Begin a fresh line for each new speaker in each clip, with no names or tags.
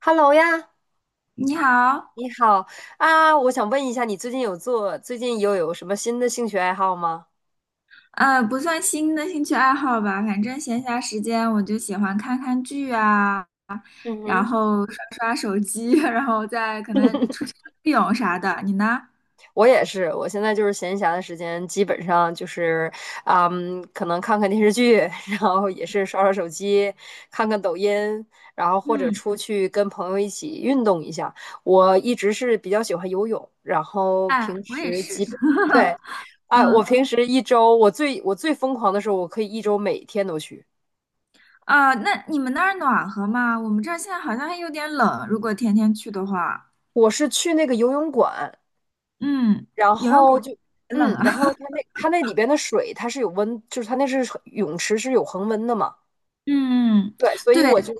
Hello 呀，
你好。
你好啊！我想问一下，你最近最近又有什么新的兴趣爱好吗？
不算新的兴趣爱好吧，反正闲暇时间我就喜欢看看剧啊，
嗯
然
哼，
后刷刷手机，然后再可能出去游泳啥的。你呢？
我也是，我现在就是闲暇的时间，基本上可能看看电视剧，然后也是刷刷手机，看看抖音，然后或者
嗯。
出去跟朋友一起运动一下。我一直是比较喜欢游泳，然后
哎，
平
我也
时基
是。
本，对，哎，我
嗯。
平时一周，我最疯狂的时候，我可以一周每天都去。
啊，那你们那儿暖和吗？我们这儿现在好像还有点冷，如果天天去的话，
我是去那个游泳馆，
嗯，
然
游泳
后
馆
就，
也冷
嗯，
啊。
然后它那里边的水它是有温，就是它那是水泳池是有恒温的嘛，
嗯，
对，所以
对。
我就，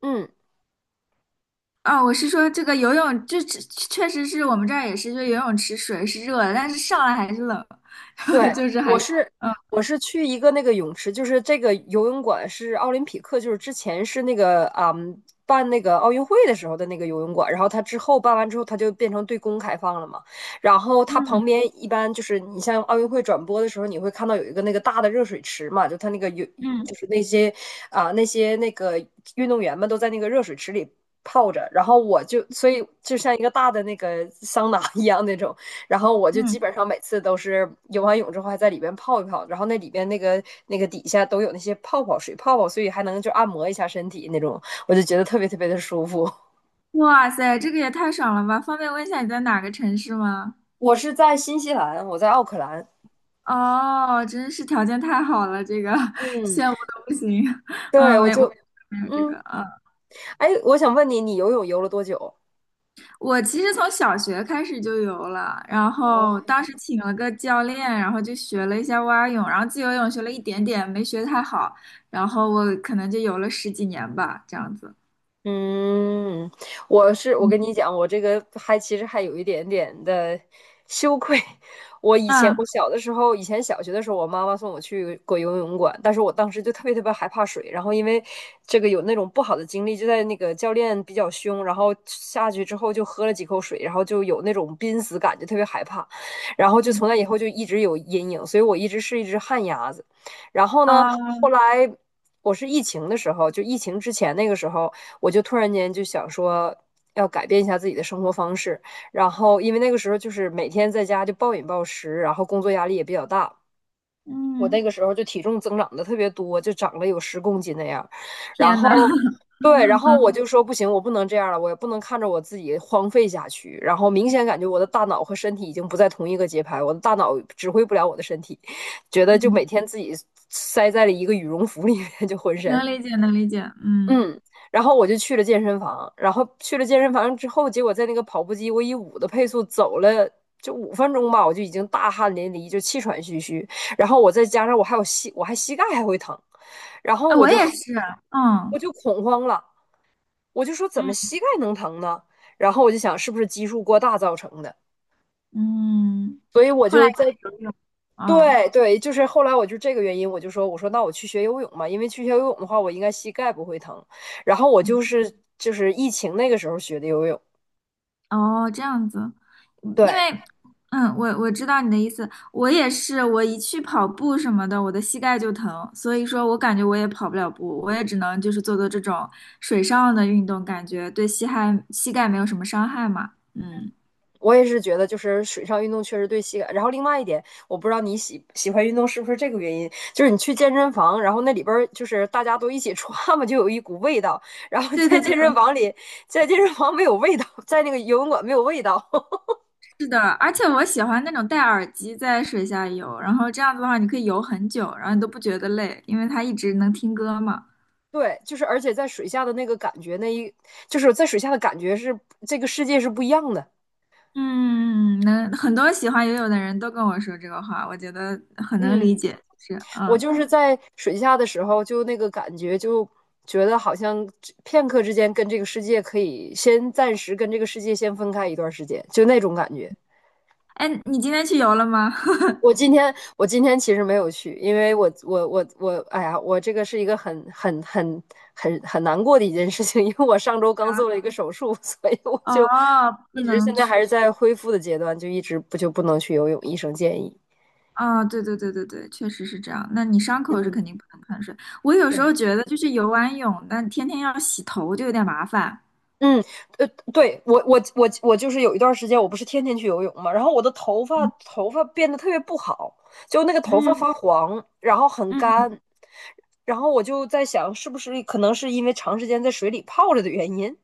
嗯，
啊，我是说这个游泳，这确实是我们这儿也是，就游泳池水是热的，但是上来还是冷，
对，
就是
我
还，
是
嗯
我去一个那个泳池，就是这个游泳馆是奥林匹克，就是之前是办那个奥运会的时候的那个游泳馆，然后它之后办完之后，它就变成对公开放了嘛。然后它
嗯
旁边一般就是你像奥运会转播的时候，你会看到有一个那个大的热水池嘛，就它那个有
嗯
就是那些那些那个运动员们都在那个热水池里泡着，然后我就所以就像一个大的那个桑拿一样那种，然后我就
嗯。
基本上每次都是游完泳之后还在里边泡一泡，然后那里边那个底下都有那些泡泡水泡泡，所以还能就按摩一下身体那种，我就觉得特别特别的舒服。
哇塞，这个也太爽了吧！方便问一下你在哪个城市吗？
我是在新西兰，我在奥克兰。
哦，真是条件太好了，这个
嗯，
羡慕的不行。
对，
嗯，
我
没，我
就
没有这
嗯，
个，嗯，
哎，我想问你，你游泳游了多久？
我其实从小学开始就游了，然
哦
后当时请了个教练，然后就学了一下蛙泳，然后自由泳学了一点点，没学太好，然后我可能就游了十几年吧，这样子。
嗯，我是我
嗯
跟你讲，我这个还其实还有一点点的羞愧。我以前
啊，
我小的时候，以前小学的时候，我妈妈送我去过游泳馆，但是我当时就特别特别害怕水。然后因为这个有那种不好的经历，就在那个教练比较凶，然后下去之后就喝了几口水，然后就有那种濒死感，就特别害怕。然后就
嗯
从那以后就一直有阴影，所以我一直是一只旱鸭子。然后呢，
啊，
后来我是疫情的时候，就疫情之前那个时候。我就突然间就想说要改变一下自己的生活方式。然后因为那个时候就是每天在家就暴饮暴食，然后工作压力也比较大，我那
嗯，
个时候就体重增长的特别多，就长了有10公斤那样。然
天
后
呐，
对，然 后我
嗯
就说不行，我不能这样了，我也不能看着我自己荒废下去。然后明显感觉我的大脑和身体已经不在同一个节拍，我的大脑指挥不了我的身体，觉得就每
嗯，
天自己塞在了一个羽绒服里面，就浑身。
能理解，能理解，嗯。
嗯，然后我就去了健身房，然后去了健身房之后，结果在那个跑步机，我以5的配速走了5分钟吧，我就已经大汗淋漓，就气喘吁吁。然后我再加上我还膝盖还会疼，然后
啊，
我
我
就
也是，
我
嗯
就恐慌了，我就说怎
嗯
么膝盖能疼呢？然后我就想是不是基数过大造成的，
嗯，
所以我
后来
就在
就游泳，嗯。
对对，就是后来我就这个原因，我说那我去学游泳嘛，因为去学游泳的话，我应该膝盖不会疼。然后我就是疫情那个时候学的游泳，
哦，这样子，嗯因为，
对，
嗯，我知道你的意思，我也是，我一去跑步什么的，我的膝盖就疼，所以说我感觉我也跑不了步，我也只能就是做做这种水上的运动，感觉对膝盖膝盖没有什么伤害嘛。嗯，
我也是觉得就是水上运动确实对膝盖。然后另外一点，我不知道你喜欢运动是不是这个原因，就是你去健身房，然后那里边儿就是大家都一起穿嘛，就有一股味道。然后
对
在
对对。
健身房里，在健身房没有味道，在那个游泳馆没有味道。
是的，而且我喜欢那种戴耳机在水下游，然后这样子的话，你可以游很久，然后你都不觉得累，因为它一直能听歌嘛。
对，就是而且在水下的那个感觉，就是在水下的感觉是这个世界是不一样的。
嗯，嗯嗯能很多喜欢游泳的人都跟我说这个话，我觉得很能理
嗯，
解，就是
我
嗯。
就是在水下的时候，就那个感觉，就觉得好像片刻之间跟这个世界可以先暂时跟这个世界先分开一段时间，就那种感觉。
哎，你今天去游了吗？
我今天其实没有去，因为我我我我，哎呀，我这个是一个很难过的一件事情，因为我上周刚做了一 个手术，所以我
哦，
就
不
一直
能
现在
去。
还是在恢复的阶段，就一直不能去游泳，医生建议。
哦，对对对对对，确实是这样。那你伤口是
嗯，
肯定不能碰水。我有时候
对，
觉得，就是游完泳，那天天要洗头就有点麻烦。
嗯，呃，对，我就是有一段时间，我不是天天去游泳嘛，然后我的头发
嗯
头发变得特别不好，就那个头发
嗯
发黄，然后很
嗯
干，然后我就在想，是不是可能是因为长时间在水里泡着的原因？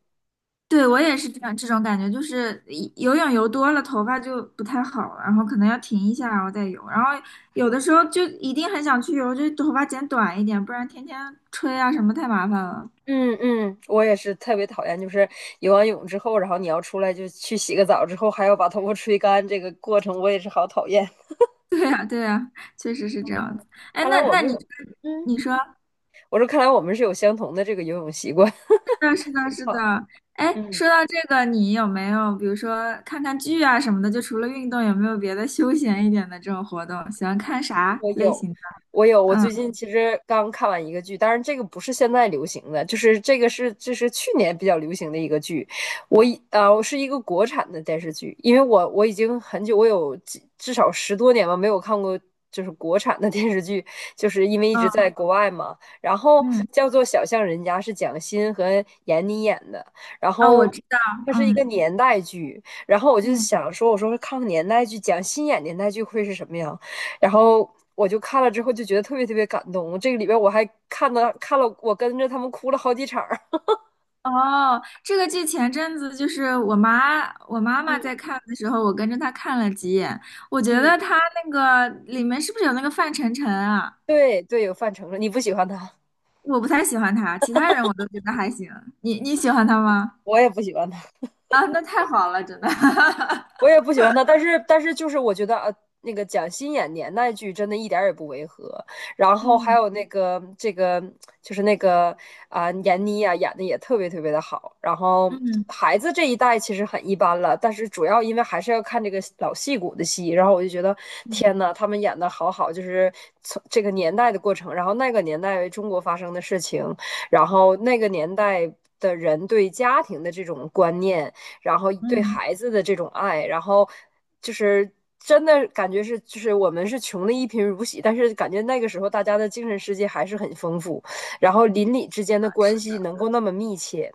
对，我也是这样，这种感觉就是一游泳游多了，头发就不太好了，然后可能要停一下，然后再游。然后有的时候就一定很想去游，就头发剪短一点，不然天天吹啊什么太麻烦了。
嗯嗯，我也是特别讨厌，就是游完泳之后，然后你要出来就去洗个澡之后，还要把头发吹干，这个过程我也是好讨厌。
对呀，对呀，确实是这样子。哎，
看来
那
我
那
们
你
有，嗯，
你说，是
我说看来我们是有相同的这个游泳习惯。
的，是的，是的。
好，
哎，
嗯。
说到这个，你有没有比如说看看剧啊什么的？就除了运动，有没有别的休闲一点的这种活动？喜欢看啥
我
类
有，
型的？
我有，我
嗯
最近其实刚看完一个剧，当然这个不是现在流行的，就是这是去年比较流行的一个剧。我是一个国产的电视剧，因为我已经很久，我有几至少10多年吧没有看过就是国产的电视剧，就是因为一直在
嗯
国外嘛。然后
嗯，
叫做《小巷人家》，是蒋欣和闫妮演的，然
哦，我
后。
知道，
它是一个
嗯。
年代剧，然后我就
嗯，
想说，我说看看年代剧，蒋欣演年代剧会是什么样？然后我就看了之后就觉得特别特别感动。这个里边我还看了，我跟着他们哭了好几场
哦，这个剧前阵子就是我妈，我妈妈在
嗯
看的时候，我跟着她看了几眼。我觉
嗯，
得她那个里面是不是有那个范丞丞啊？
对对，有范丞丞，你不喜欢他，
我不太喜欢他，其他人我都觉得还行。你喜欢他吗？
我也不喜欢他。
啊，那太好了，真的。
我也不喜欢他，但是就是我觉得那个蒋欣演年代剧真的一点儿也不违和，然后还
嗯
有那个闫妮啊演的也特别特别的好，然后
嗯
孩子这一代其实很一般了，但是主要因为还是要看这个老戏骨的戏，然后我就觉得
嗯
天呐，他们演的好好，就是从这个年代的过程，然后那个年代中国发生的事情，然后那个年代的人对家庭的这种观念，然后对
嗯，
孩子的这种爱，然后就是真的感觉是，就是我们是穷的一贫如洗，但是感觉那个时候大家的精神世界还是很丰富，然后邻里之间的关系能够那么密切。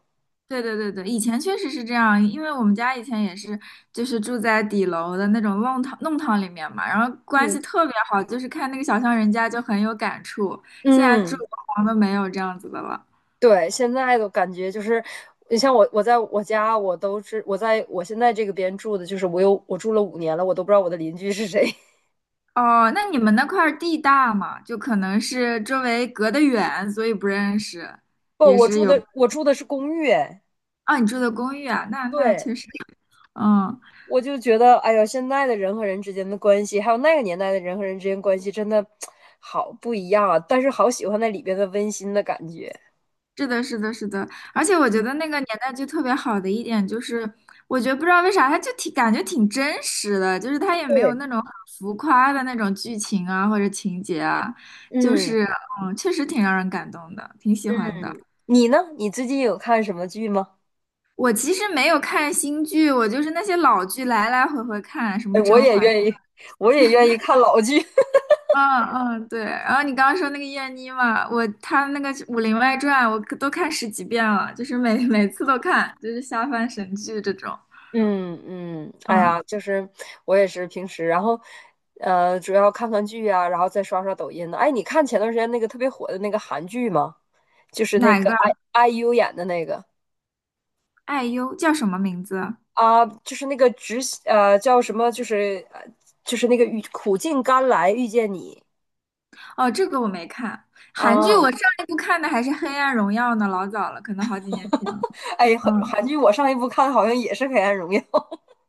对对对对，以前确实是这样，因为我们家以前也是，就是住在底楼的那种弄堂弄堂里面嘛，然后关
嗯
系特别好，就是看那个小巷人家就很有感触。现在住
嗯，
的房都没有这样子的了。
对，现在的感觉就是，你像我，我在我家，我都是我在我现在这个边住的，就是我住了5年了，我都不知道我的邻居是谁。
哦，那你们那块儿地大嘛，就可能是周围隔得远，所以不认识，
不，
也
我
是
住
有。
的我住的是公寓，哎
啊，你住的公寓啊，那那
对。
确实，嗯。
我就觉得，哎呀，现在的人和人之间的关系，还有那个年代的人和人之间关系，真的好不一样啊！但是好喜欢那里边的温馨的感觉。
是的，是的，是的，而且我觉得那个年代剧特别好的一点就是，我觉得不知道为啥，它就挺感觉挺真实的，就是它也没有
对，
那种很浮夸的那种剧情啊或者情节啊，就
嗯
是嗯，确实挺让人感动的，挺喜欢的。
嗯，你呢？你最近有看什么剧吗？
我其实没有看新剧，我就是那些老剧来来回回看，什么
哎，
《甄嬛》，
我也愿意看老剧。
嗯嗯，对。然后你刚刚说那个燕妮嘛，我她那个《武林外传》，我都看十几遍了，就是每次都看，就是下饭神剧这种。
嗯嗯，哎
嗯。
呀，就是我也是平时，然后主要看看剧啊，然后再刷刷抖音呢。哎，你看前段时间那个特别火的那个韩剧吗？就是那
哪
个
个？
I IU 演的那个。
爱优叫什么名字？
啊，就是那个直呃叫什么，就是那个苦尽甘来遇见你。
哦，这个我没看。韩剧
啊！
我上一部看的还是《黑暗荣耀》呢，老早了，可能好几年前了。
哎，韩
嗯，
韩剧我上一部看好像也是《黑暗荣耀》，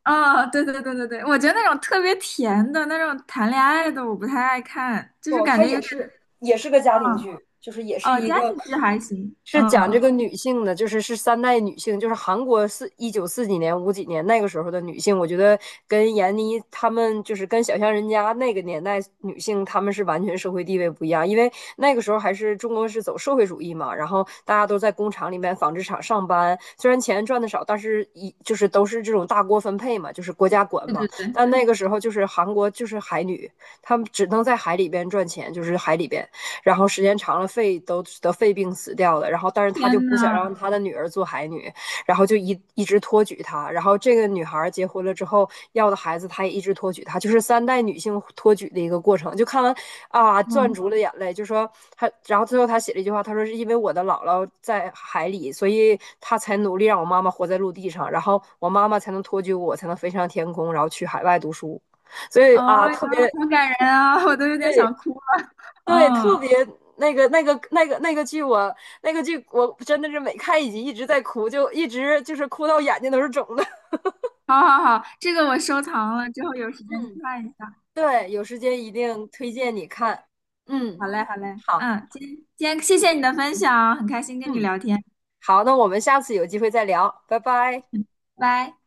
哦，对对对对对，我觉得那种特别甜的那种谈恋爱的，我不太爱看，就是
哦，
感
它
觉
也
有点，
是也是个家庭
嗯，
剧，就是也是
哦，
一
家
个
庭剧还行。
是讲
嗯，
这个女性的，就是是三代女性，就是韩国四一九四几年、五几年那个时候的女性，我觉得跟闫妮她们就是跟小巷人家那个年代女性，她们是完全社会地位不一样，因为那个时候还是中国是走社会主义嘛，然后大家都在工厂里面、纺织厂上班，虽然钱赚的少，但是就是都是这种大锅分配嘛，就是国家管
对
嘛。
对对，
但那个时候就是韩国就是海女，她们只能在海里边赚钱，就是海里边。然后时间长了肺都得肺病死掉了，然后但是他就
天
不想让
呐，
他的女儿做海女，然后就一直托举她，然后这个女孩结婚了之后要的孩子，他也一直托举她，就是三代女性托举的一个过程。就看完啊，攥
嗯，
住了眼泪，就说他，然后最后他写了一句话，他说是因为我的姥姥在海里，所以他才努力让我妈妈活在陆地上，然后我妈妈才能托举我，才能飞上天空，然后去海外读书。所以
哦，
啊，
呀，
特别
好感人啊，我都有点
对
想哭了。
对，特
嗯，
别那个、那个、那个、那个剧我，那个剧我真的是每看一集一直在哭，就一直就是哭到眼睛都是肿的。
好好好，这个我收藏了，之后有时间
嗯，
看一下。
对，有时间一定推荐你看。
好
嗯，
嘞，好嘞，
好，
嗯，今天谢谢你的分享哦，很开心跟你
嗯，
聊天，
好，那我们下次有机会再聊，拜拜。
拜拜。